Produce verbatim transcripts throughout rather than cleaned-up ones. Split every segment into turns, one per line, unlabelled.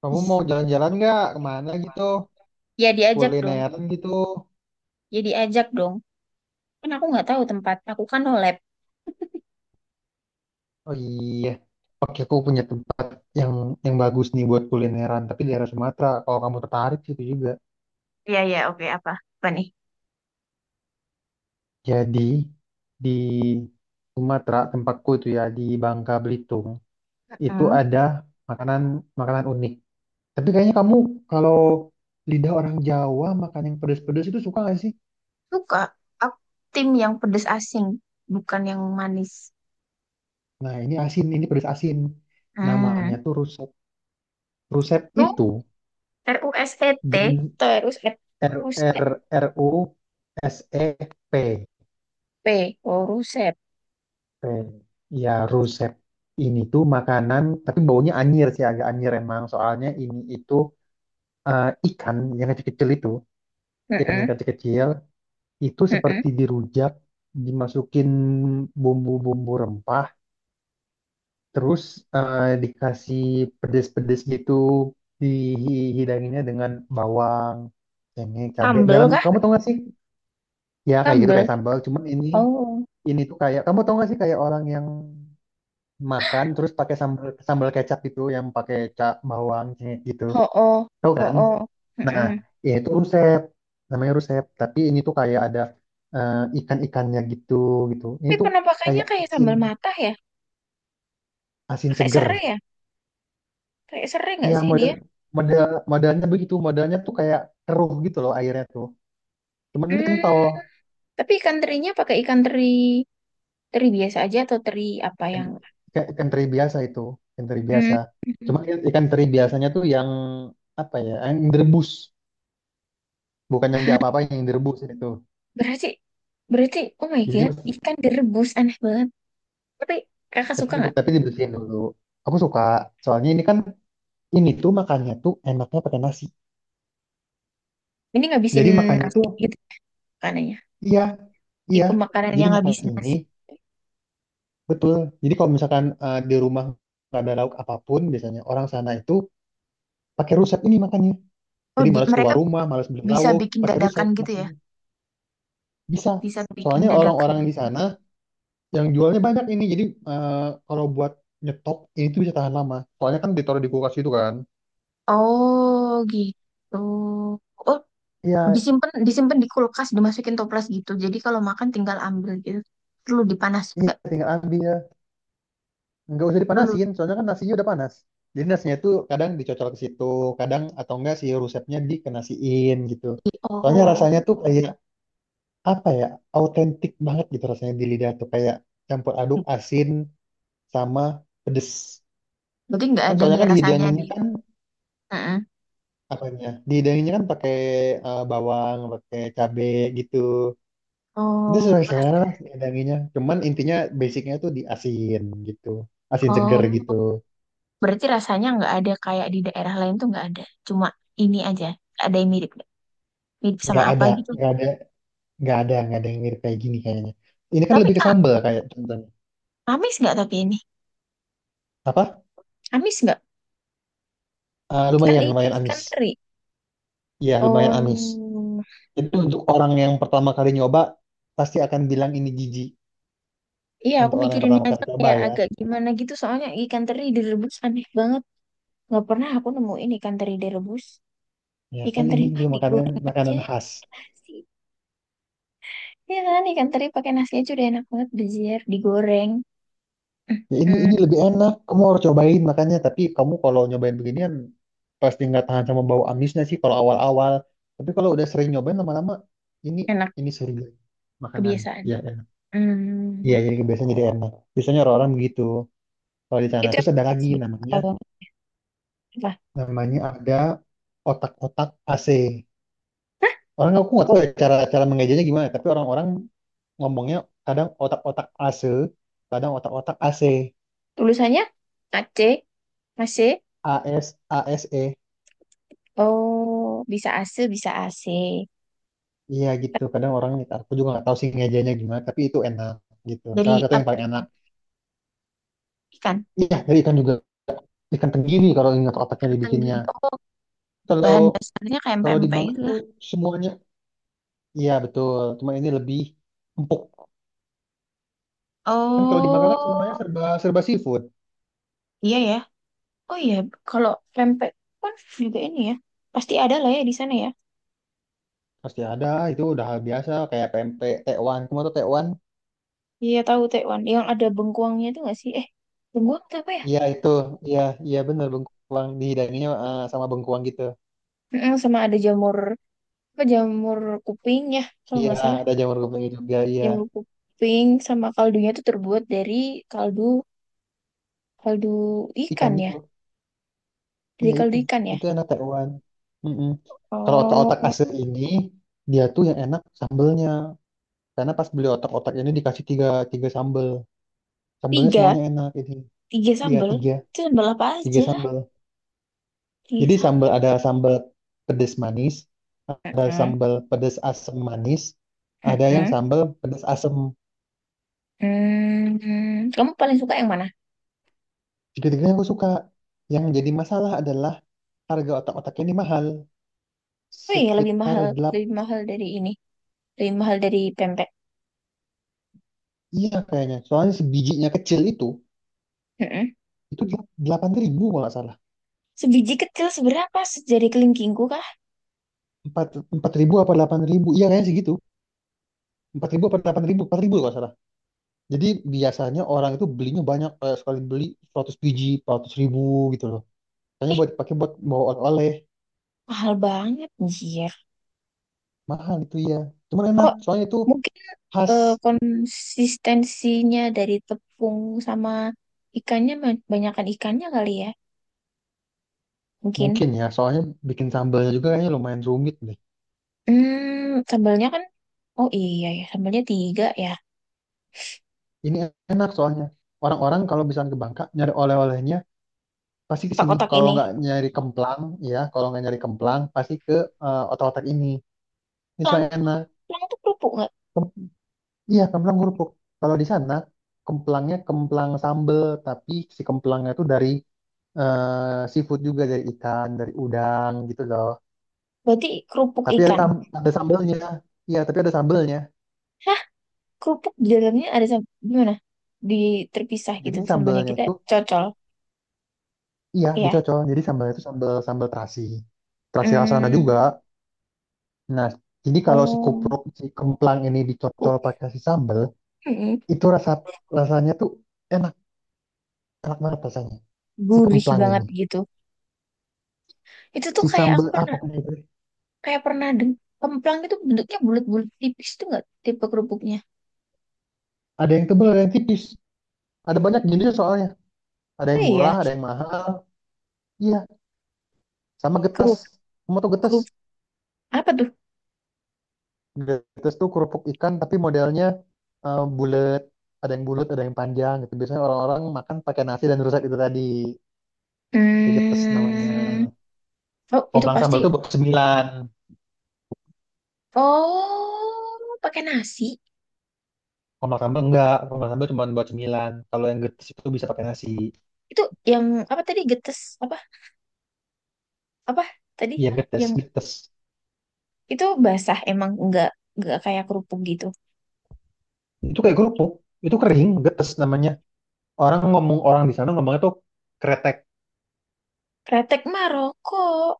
Kamu mau jalan-jalan nggak kemana gitu?
Ya diajak dong,
Kulineran gitu.
ya diajak dong. Kan aku nggak tahu tempat, aku kan no lab.
Oh iya, oke aku punya tempat yang yang bagus nih buat kulineran, tapi di daerah Sumatera. Kalau kamu tertarik situ juga. Jadi di Sumatera tempatku itu ya di Bangka Belitung itu
Heeh.
ada makanan makanan unik. Tapi kayaknya kamu kalau lidah orang Jawa makan yang pedas-pedas itu suka nggak sih?
Suka. Aku tim yang pedes asing, bukan yang manis.
Nah ini asin, ini pedas asin. Namanya
Hmm.
tuh rusep. Rusep
Ru,
itu
R U S E T,
jen-
atau R U S E P,
R
Rusep.
R R U S E P
P. Oh, Rusep.
P. Ya rusep ini tuh makanan tapi baunya anyir sih, agak anyir emang, soalnya ini itu eh, ikan yang kecil-kecil itu. ikan yang
Mm-mm.
kecil-kecil itu
Mm-mm.
seperti dirujak, dimasukin bumbu-bumbu rempah, terus eh, dikasih pedes-pedes gitu, dihidanginnya dengan bawang, cengkeh, cabai
Sambel
dalam,
kah?
kamu tau gak sih? Ya kayak gitu,
Sambel.
kayak sambal, cuman ini
Oh,
ini tuh kayak, kamu tau gak sih, kayak orang yang makan terus pakai sambal sambal kecap gitu, yang pakai cak bawang, cengkeh gitu,
ho oh,
tau
ho
kan?
oh.
Nah,
Mm-mm.
ya itu rusep. Namanya rusep, tapi ini tuh kayak ada eh, ikan-ikannya gitu, gitu ini
Tapi
tuh
penampakannya
kayak
kayak
asin,
sambal matah ya?
asin
Pakai
seger.
serai ya? Pakai serai nggak
Ya
sih
model
dia?
model modelnya begitu, modelnya tuh kayak keruh gitu loh airnya tuh, cuman ini kental.
Hmm. Tapi ikan terinya pakai ikan teri. Teri biasa aja atau teri apa
ikan,
yang
ikan ikan teri biasa itu, ikan teri biasa.
hmm.
Cuman ikan teri biasanya tuh yang apa ya, yang direbus. Bukan yang
Hah,
diapa-apain, yang direbus itu.
berarti berarti oh my
Jadi
god,
mas-
ikan direbus aneh banget. Tapi kakak
tapi,
suka nggak?
tapi dibersihin dulu. Aku suka. Soalnya ini kan, ini tuh makannya tuh enaknya pakai nasi.
Ini ngabisin
Jadi makannya
nasi
tuh
gitu makanannya,
iya, iya.
tipe makanan
Jadi
yang
makan
ngabisin
ini,
nasi.
betul. Jadi kalau misalkan eh, di rumah nggak ada lauk apapun, biasanya orang sana itu pakai rusep ini makannya.
Oh,
Jadi
di-
malas
mereka
keluar rumah, malas beli
bisa
lauk,
bikin
pakai rusep
dadakan gitu ya?
makannya. Bisa.
Bisa bikin
Soalnya
dadakan.
orang-orang di sana yang jualnya banyak ini. Jadi eh, kalau buat nyetok ini tuh bisa tahan lama. Soalnya kan ditaruh di kulkas itu kan.
Oh, gitu. Oh,
Iya,
disimpan disimpan di kulkas, dimasukin toples gitu. Jadi kalau makan tinggal ambil gitu. Perlu dipanas
iya,
nggak?
tinggal ambil. Nggak usah
Perlu.
dipanasin, soalnya kan nasinya udah panas. Jadi nasinya itu kadang dicocol ke situ, kadang atau enggak si rusepnya dikenasiin gitu.
di-
Soalnya
Oh,
rasanya tuh kayak apa ya, autentik banget gitu rasanya di lidah tuh kayak campur aduk asin sama pedes.
berarti nggak
Kan
ada
soalnya
nih
kan
rasanya di.
dihidanginnya kan apanya? Dihidanginnya kan pakai eh, bawang, pakai cabe gitu. Itu
Oh,
sesuai
ras-
selera lah dihidanginnya. Cuman intinya basicnya tuh di asin gitu, asin seger
oh,
gitu.
berarti rasanya nggak ada kayak di daerah lain tuh nggak ada. Cuma ini aja. Ada yang mirip nggak? Mirip sama
nggak
apa
ada
gitu.
nggak ada nggak ada nggak ada yang mirip kayak gini kayaknya. Ini kan
Tapi
lebih ke
ah,
sambal, kayak contohnya
amis nggak tapi ini?
apa.
Amis nggak?
Eh,
Kan
lumayan
ini
lumayan
ikan
amis.
teri.
Iya lumayan amis.
Oh,
Itu untuk orang yang pertama kali nyoba pasti akan bilang ini jijik.
iya aku
Untuk orang yang
mikirin
pertama kali
aja
coba
kayak
ya,
agak gimana gitu. Soalnya ikan teri direbus aneh banget. Nggak pernah aku nemuin ikan teri direbus.
ya
Ikan
kan
teri
ini
mah
juga makanan
digoreng aja
makanan khas.
pakai nasi. Iya kan ikan teri pakai nasi aja udah enak banget. Bejer digoreng.
Ya ini
Mm,
ini lebih enak, kamu harus cobain makanya. Tapi kamu kalau nyobain beginian pasti nggak tahan sama bau amisnya sih kalau awal-awal. Tapi kalau udah sering nyobain lama-lama, ini
enak,
ini surga makanan,
kebiasaan.
ya enak. Iya
Hmm,
jadi biasanya jadi enak, biasanya orang-orang begitu. Kalau di sana
itu yang
terus ada lagi namanya,
kalau apa?
namanya ada otak-otak A C.
Hah?
Orang aku nggak tahu ya cara cara mengejanya gimana, tapi orang-orang ngomongnya kadang otak-otak AC, kadang otak-otak AC,
Tulisannya A C, A C.
AS, ASE.
Oh, bisa A C, bisa A C.
Iya gitu. Kadang orang, aku juga nggak tahu sih ngejanya gimana, tapi itu enak gitu.
Dari
Salah satu yang
apa?
paling
Ikan.
enak.
Ikan.
Iya, dari ikan juga, ikan tenggiri kalau ingat otaknya
Tenggiri.
dibikinnya.
Oh,
Kalau
bahan dasarnya kayak
Kalau di
pempek
Bangka
gitu
itu
lah.
semuanya, iya betul, cuma ini lebih empuk. Kan kalau di Bangka kan semuanya
Oh,
serba serba seafood.
iya ya. Oh iya, kalau pempek kan juga ini ya. Pasti ada lah ya di sana ya.
Pasti ada, Ah, itu udah hal biasa kayak P M P, tekwan. Kamu tuh tekwan?
Iya tahu Taiwan. Yang ada bengkuangnya itu nggak sih? Eh, bengkuang itu apa ya?
Iya itu, iya, iya bener bengkuang, dihidanginya eh, sama bengkuang gitu.
Mm-mm, sama ada jamur, apa jamur kuping ya, kalau
Iya
nggak salah.
ada jamur gempenya juga, iya
Yang lu kuping sama kaldunya tuh terbuat dari kaldu kaldu ikan
ikan
ya.
itu,
Dari
iya
kaldu
itu,
ikan ya.
itu enak tekwan. Mm-mm. Kalau otak-otak
Oh,
asin ini dia tuh yang enak sambelnya, karena pas beli otak-otak ini dikasih tiga, tiga sambel, sambelnya
tiga,
semuanya enak ini.
tiga
Iya
sambal.
tiga,
Itu sambal apa
tiga
aja?
sambel.
Tiga
Jadi sambal
sambal.
ada sambal pedas manis, ada
Heeh,
sambal pedas asam manis, ada yang
heeh.
sambal pedas asam.
Hmm, kamu paling suka yang mana?
Tiga-tiganya aku suka. Yang jadi masalah adalah harga otak-otak ini mahal.
Oh iya, lebih
Sekitar
mahal,
delapan,
lebih mahal dari ini. Lebih mahal dari pempek.
iya kayaknya. Soalnya sebijinya kecil itu,
Heeh.
itu delapan ribu kalau nggak salah.
Sebiji kecil seberapa? Sejari kelingkingku kah?
empat, empat ribu apa delapan ribu, iya kayaknya segitu. empat ribu apa delapan ribu? Empat ribu kalau nggak salah. Jadi biasanya orang itu belinya banyak, kayak sekali beli seratus biji, empat ratus ribu gitu loh. Kayaknya
Eh,
buat dipakai buat bawa oleh-oleh.
mahal banget, anjir.
Mahal itu ya. Cuman enak,
Oh,
soalnya itu
mungkin
khas,
eh, konsistensinya dari tepung sama ikannya, ma- banyakan ikannya kali ya. Mungkin.
mungkin ya. Soalnya bikin sambalnya juga kayaknya lumayan rumit deh.
Hmm, sambalnya kan, oh iya ya, sambalnya tiga ya.
Ini enak soalnya. Orang-orang kalau misalnya ke Bangka nyari oleh-olehnya pasti ke sini.
Kotak-kotak
Kalau
ini.
nggak nyari kemplang, ya, kalau nggak nyari kemplang pasti ke eh, otak-otak ini. Ini
Tulang,
soalnya enak.
tulang tuh kerupuk nggak?
Kem- iya, kemplang kerupuk. Kalau di sana kemplangnya kemplang sambel, tapi si kemplangnya itu dari eh, seafood, juga dari ikan, dari udang gitu loh.
Berarti kerupuk
Tapi ada,
ikan.
tam- ada sambelnya. Iya, tapi ada sambelnya.
Hah, kerupuk di dalamnya ada sam- gimana? Di terpisah gitu,
Jadi
sambalnya
sambalnya
kita
itu,
cocol.
iya
Iya.
dicocol. Jadi sambalnya itu sambal sambal terasi. Terasi rasana juga.
Hmm,
Nah, jadi kalau si
oh,
kupruk si kemplang ini dicocol
ku-
pakai si sambal,
mm,
itu rasa rasanya tuh enak, enak banget rasanya. Si
gurih
kemplang
banget
ini.
gitu. Itu tuh
Si
kayak aku
sambal apa
pernah.
itu?
Kayak pernah deng, kemplang itu bentuknya bulat-bulat tipis tuh nggak tipe kerupuknya?
Ada yang tebal, ada yang tipis. Ada banyak jenisnya soalnya. Ada
Oh
yang murah,
iya,
ada yang mahal. Iya, sama getas.
kerupuk
Kamu tau getas?
kerupuk apa tuh?
Getas tuh kerupuk ikan tapi modelnya eh, bulat ada yang bulat, ada yang panjang gitu. Biasanya orang-orang makan pakai nasi dan rusak itu tadi. Kegetes namanya.
Hmm, oh itu
Komplang
pasti.
sambal tuh buat sembilan.
Oh, pakai nasi.
Komplang sambal enggak. Komplang sambal cuma buat sembilan. Kalau yang getes itu bisa pakai nasi.
Itu yang apa tadi, getes apa apa tadi
Iya
yang
getes, getes.
itu, basah emang nggak nggak kayak kerupuk gitu.
Itu kayak kerupuk. Itu kering, getes namanya. Orang ngomong orang di sana ngomongnya tuh kretek.
Kretek mah rokok.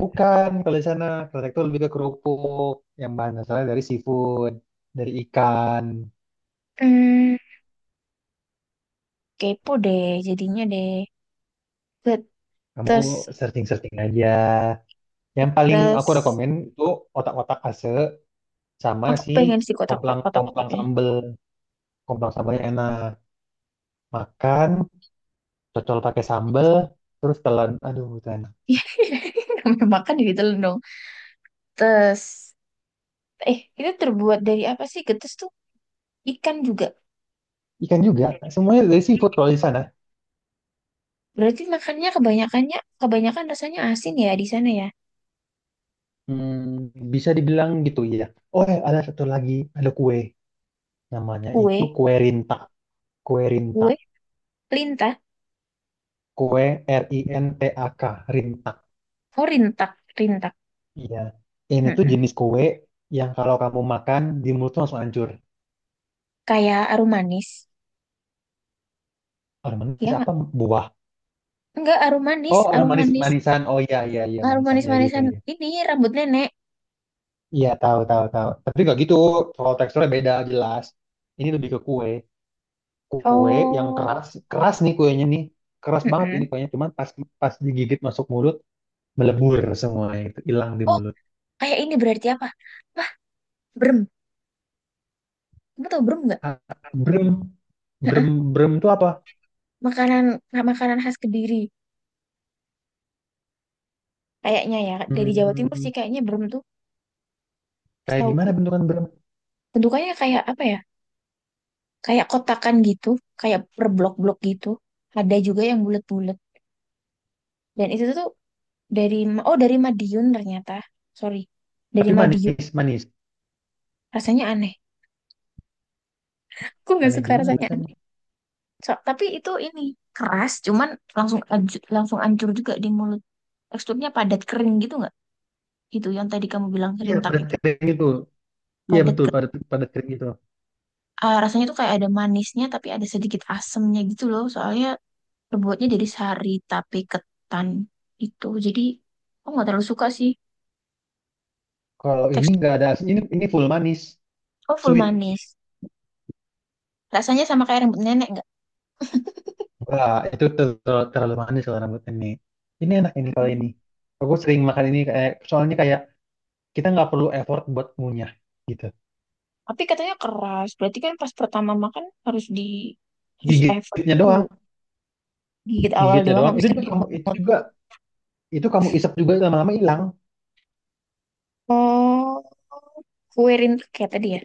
Bukan, kalau di sana kretek tuh lebih ke kerupuk yang bahan asalnya dari seafood, dari ikan.
Hmm, kepo deh jadinya deh.
Kamu
Getes,
searching-searching aja. Yang paling aku
getes.
rekomen itu otak-otak ase sama
Aku
si
pengen sih kotak-kotak
komplang komplang
kotak-kotaknya.
sambel. Komplang sambalnya enak, makan cocol pakai sambal terus telan, aduh itu.
Iya, makan di ditelan dong. Getes. Eh, itu terbuat dari apa sih? Getes tuh ikan juga.
Ikan juga, semuanya dari seafood kalau di sana.
Berarti makannya kebanyakannya, kebanyakan rasanya asin ya di sana ya.
Hmm, bisa dibilang gitu ya. Oh, eh, ada satu lagi, ada kue namanya
Kue,
itu kue rinta, kue rinta
kue, lintah,
kue R I N T A K, rinta.
oh rintak, rintak.
Iya, ini tuh
Mm-mm.
jenis kue yang kalau kamu makan di mulut tuh langsung hancur.
Kayak arum manis,
Orang
ya
manis
nggak?
apa buah,
Enggak arum manis,
oh orang
arum
manis,
manis,
manisan, oh iya iya iya,
arum
manisan
manis
ya gitu
manisan
ya.
ini rambut nenek.
Iya tahu, tahu, tahu. Tapi nggak gitu. Kalau teksturnya beda jelas. Ini lebih ke kue. Kue yang
Oh,
keras, keras nih kuenya nih. Keras banget ini
mm-mm.
kuenya. Cuman pas pas digigit masuk mulut melebur semua, itu hilang di
Oh,
mulut.
kayak ini berarti apa? Wah, brem. Kamu tau brem nggak?
Ah, brem brem
Mm.
brem itu apa?
Makanan, makanan khas Kediri. Kayaknya ya dari Jawa Timur
Hmm,
sih kayaknya brem tuh.
kayak gimana
Setahu
bentukan brem?
bentukannya kayak apa ya, kayak kotakan gitu, kayak per blok-blok gitu, ada juga yang bulat-bulat, dan itu tuh dari, oh dari Madiun ternyata, sorry, dari
Tapi
Madiun.
manis, manis.
Rasanya aneh, aku nggak
Aneh
suka,
gimana
rasanya
rasanya?
aneh. So- tapi itu ini keras, cuman langsung anju- langsung hancur juga di mulut, teksturnya padat kering gitu nggak, itu yang tadi kamu bilang
Iya
serintak
padat
itu
kering itu. Iya
padat
betul,
ke-
padat padat kering itu.
ah, rasanya tuh kayak ada manisnya tapi ada sedikit asemnya gitu loh soalnya terbuatnya dari sari tapi ketan itu. Jadi aku nggak terlalu suka sih.
Kalau ini
Tekstur,
nggak ada asin. Ini ini full manis,
oh, full
sweet.
manis. Rasanya sama kayak rambut nenek nggak?
Wah, itu ter- terlalu manis kalau rambut ini. Ini enak ini kalau ini.
Mm.
Aku sering makan ini kayak, soalnya kayak kita nggak perlu effort buat ngunyah gitu.
Tapi katanya keras. Berarti kan pas pertama makan harus di, harus effort
Gigitnya
dulu.
doang,
Gigit awal
gigitnya
doang
doang.
habis
Itu
itu
juga
di.
kamu, itu juga itu, kamu isap juga lama-lama hilang.
Oh, kue rintet kayak tadi ya.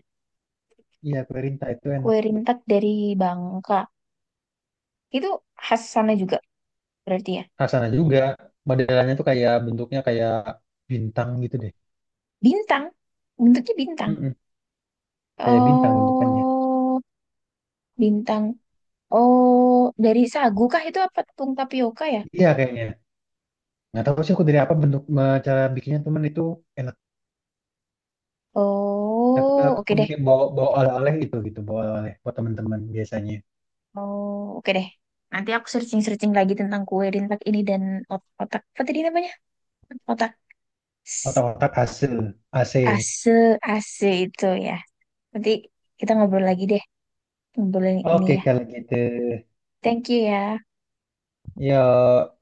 Iya, perintah itu
Kue
enak.
rintet dari Bangka. Itu khas sana juga berarti ya.
Rasanya juga modelannya tuh kayak bentuknya kayak bintang gitu deh.
Bintang. Bentuknya bintang.
Mm-mm, kayak bintang bentukannya.
Oh, bintang. Oh, dari sagu kah itu apa tepung tapioka ya?
Iya kayaknya. Nggak tahu sih aku dari apa, bentuk me- cara bikinnya teman, itu enak. Tapi
Oh,
aku
oke deh.
bikin bawa bawa oleh-oleh itu gitu, bawa oleh-oleh buat teman-teman biasanya.
Oh, oke deh. Nanti aku searching-searching lagi tentang kue rintak ini dan ot- otak. Apa tadi namanya? Otak s-
Otak-otak hasil A C.
ase, ase itu ya. Nanti kita ngobrol lagi deh. Ngobrolin ini
Oke
ya.
kalau gitu.
Thank you ya.
Yuk.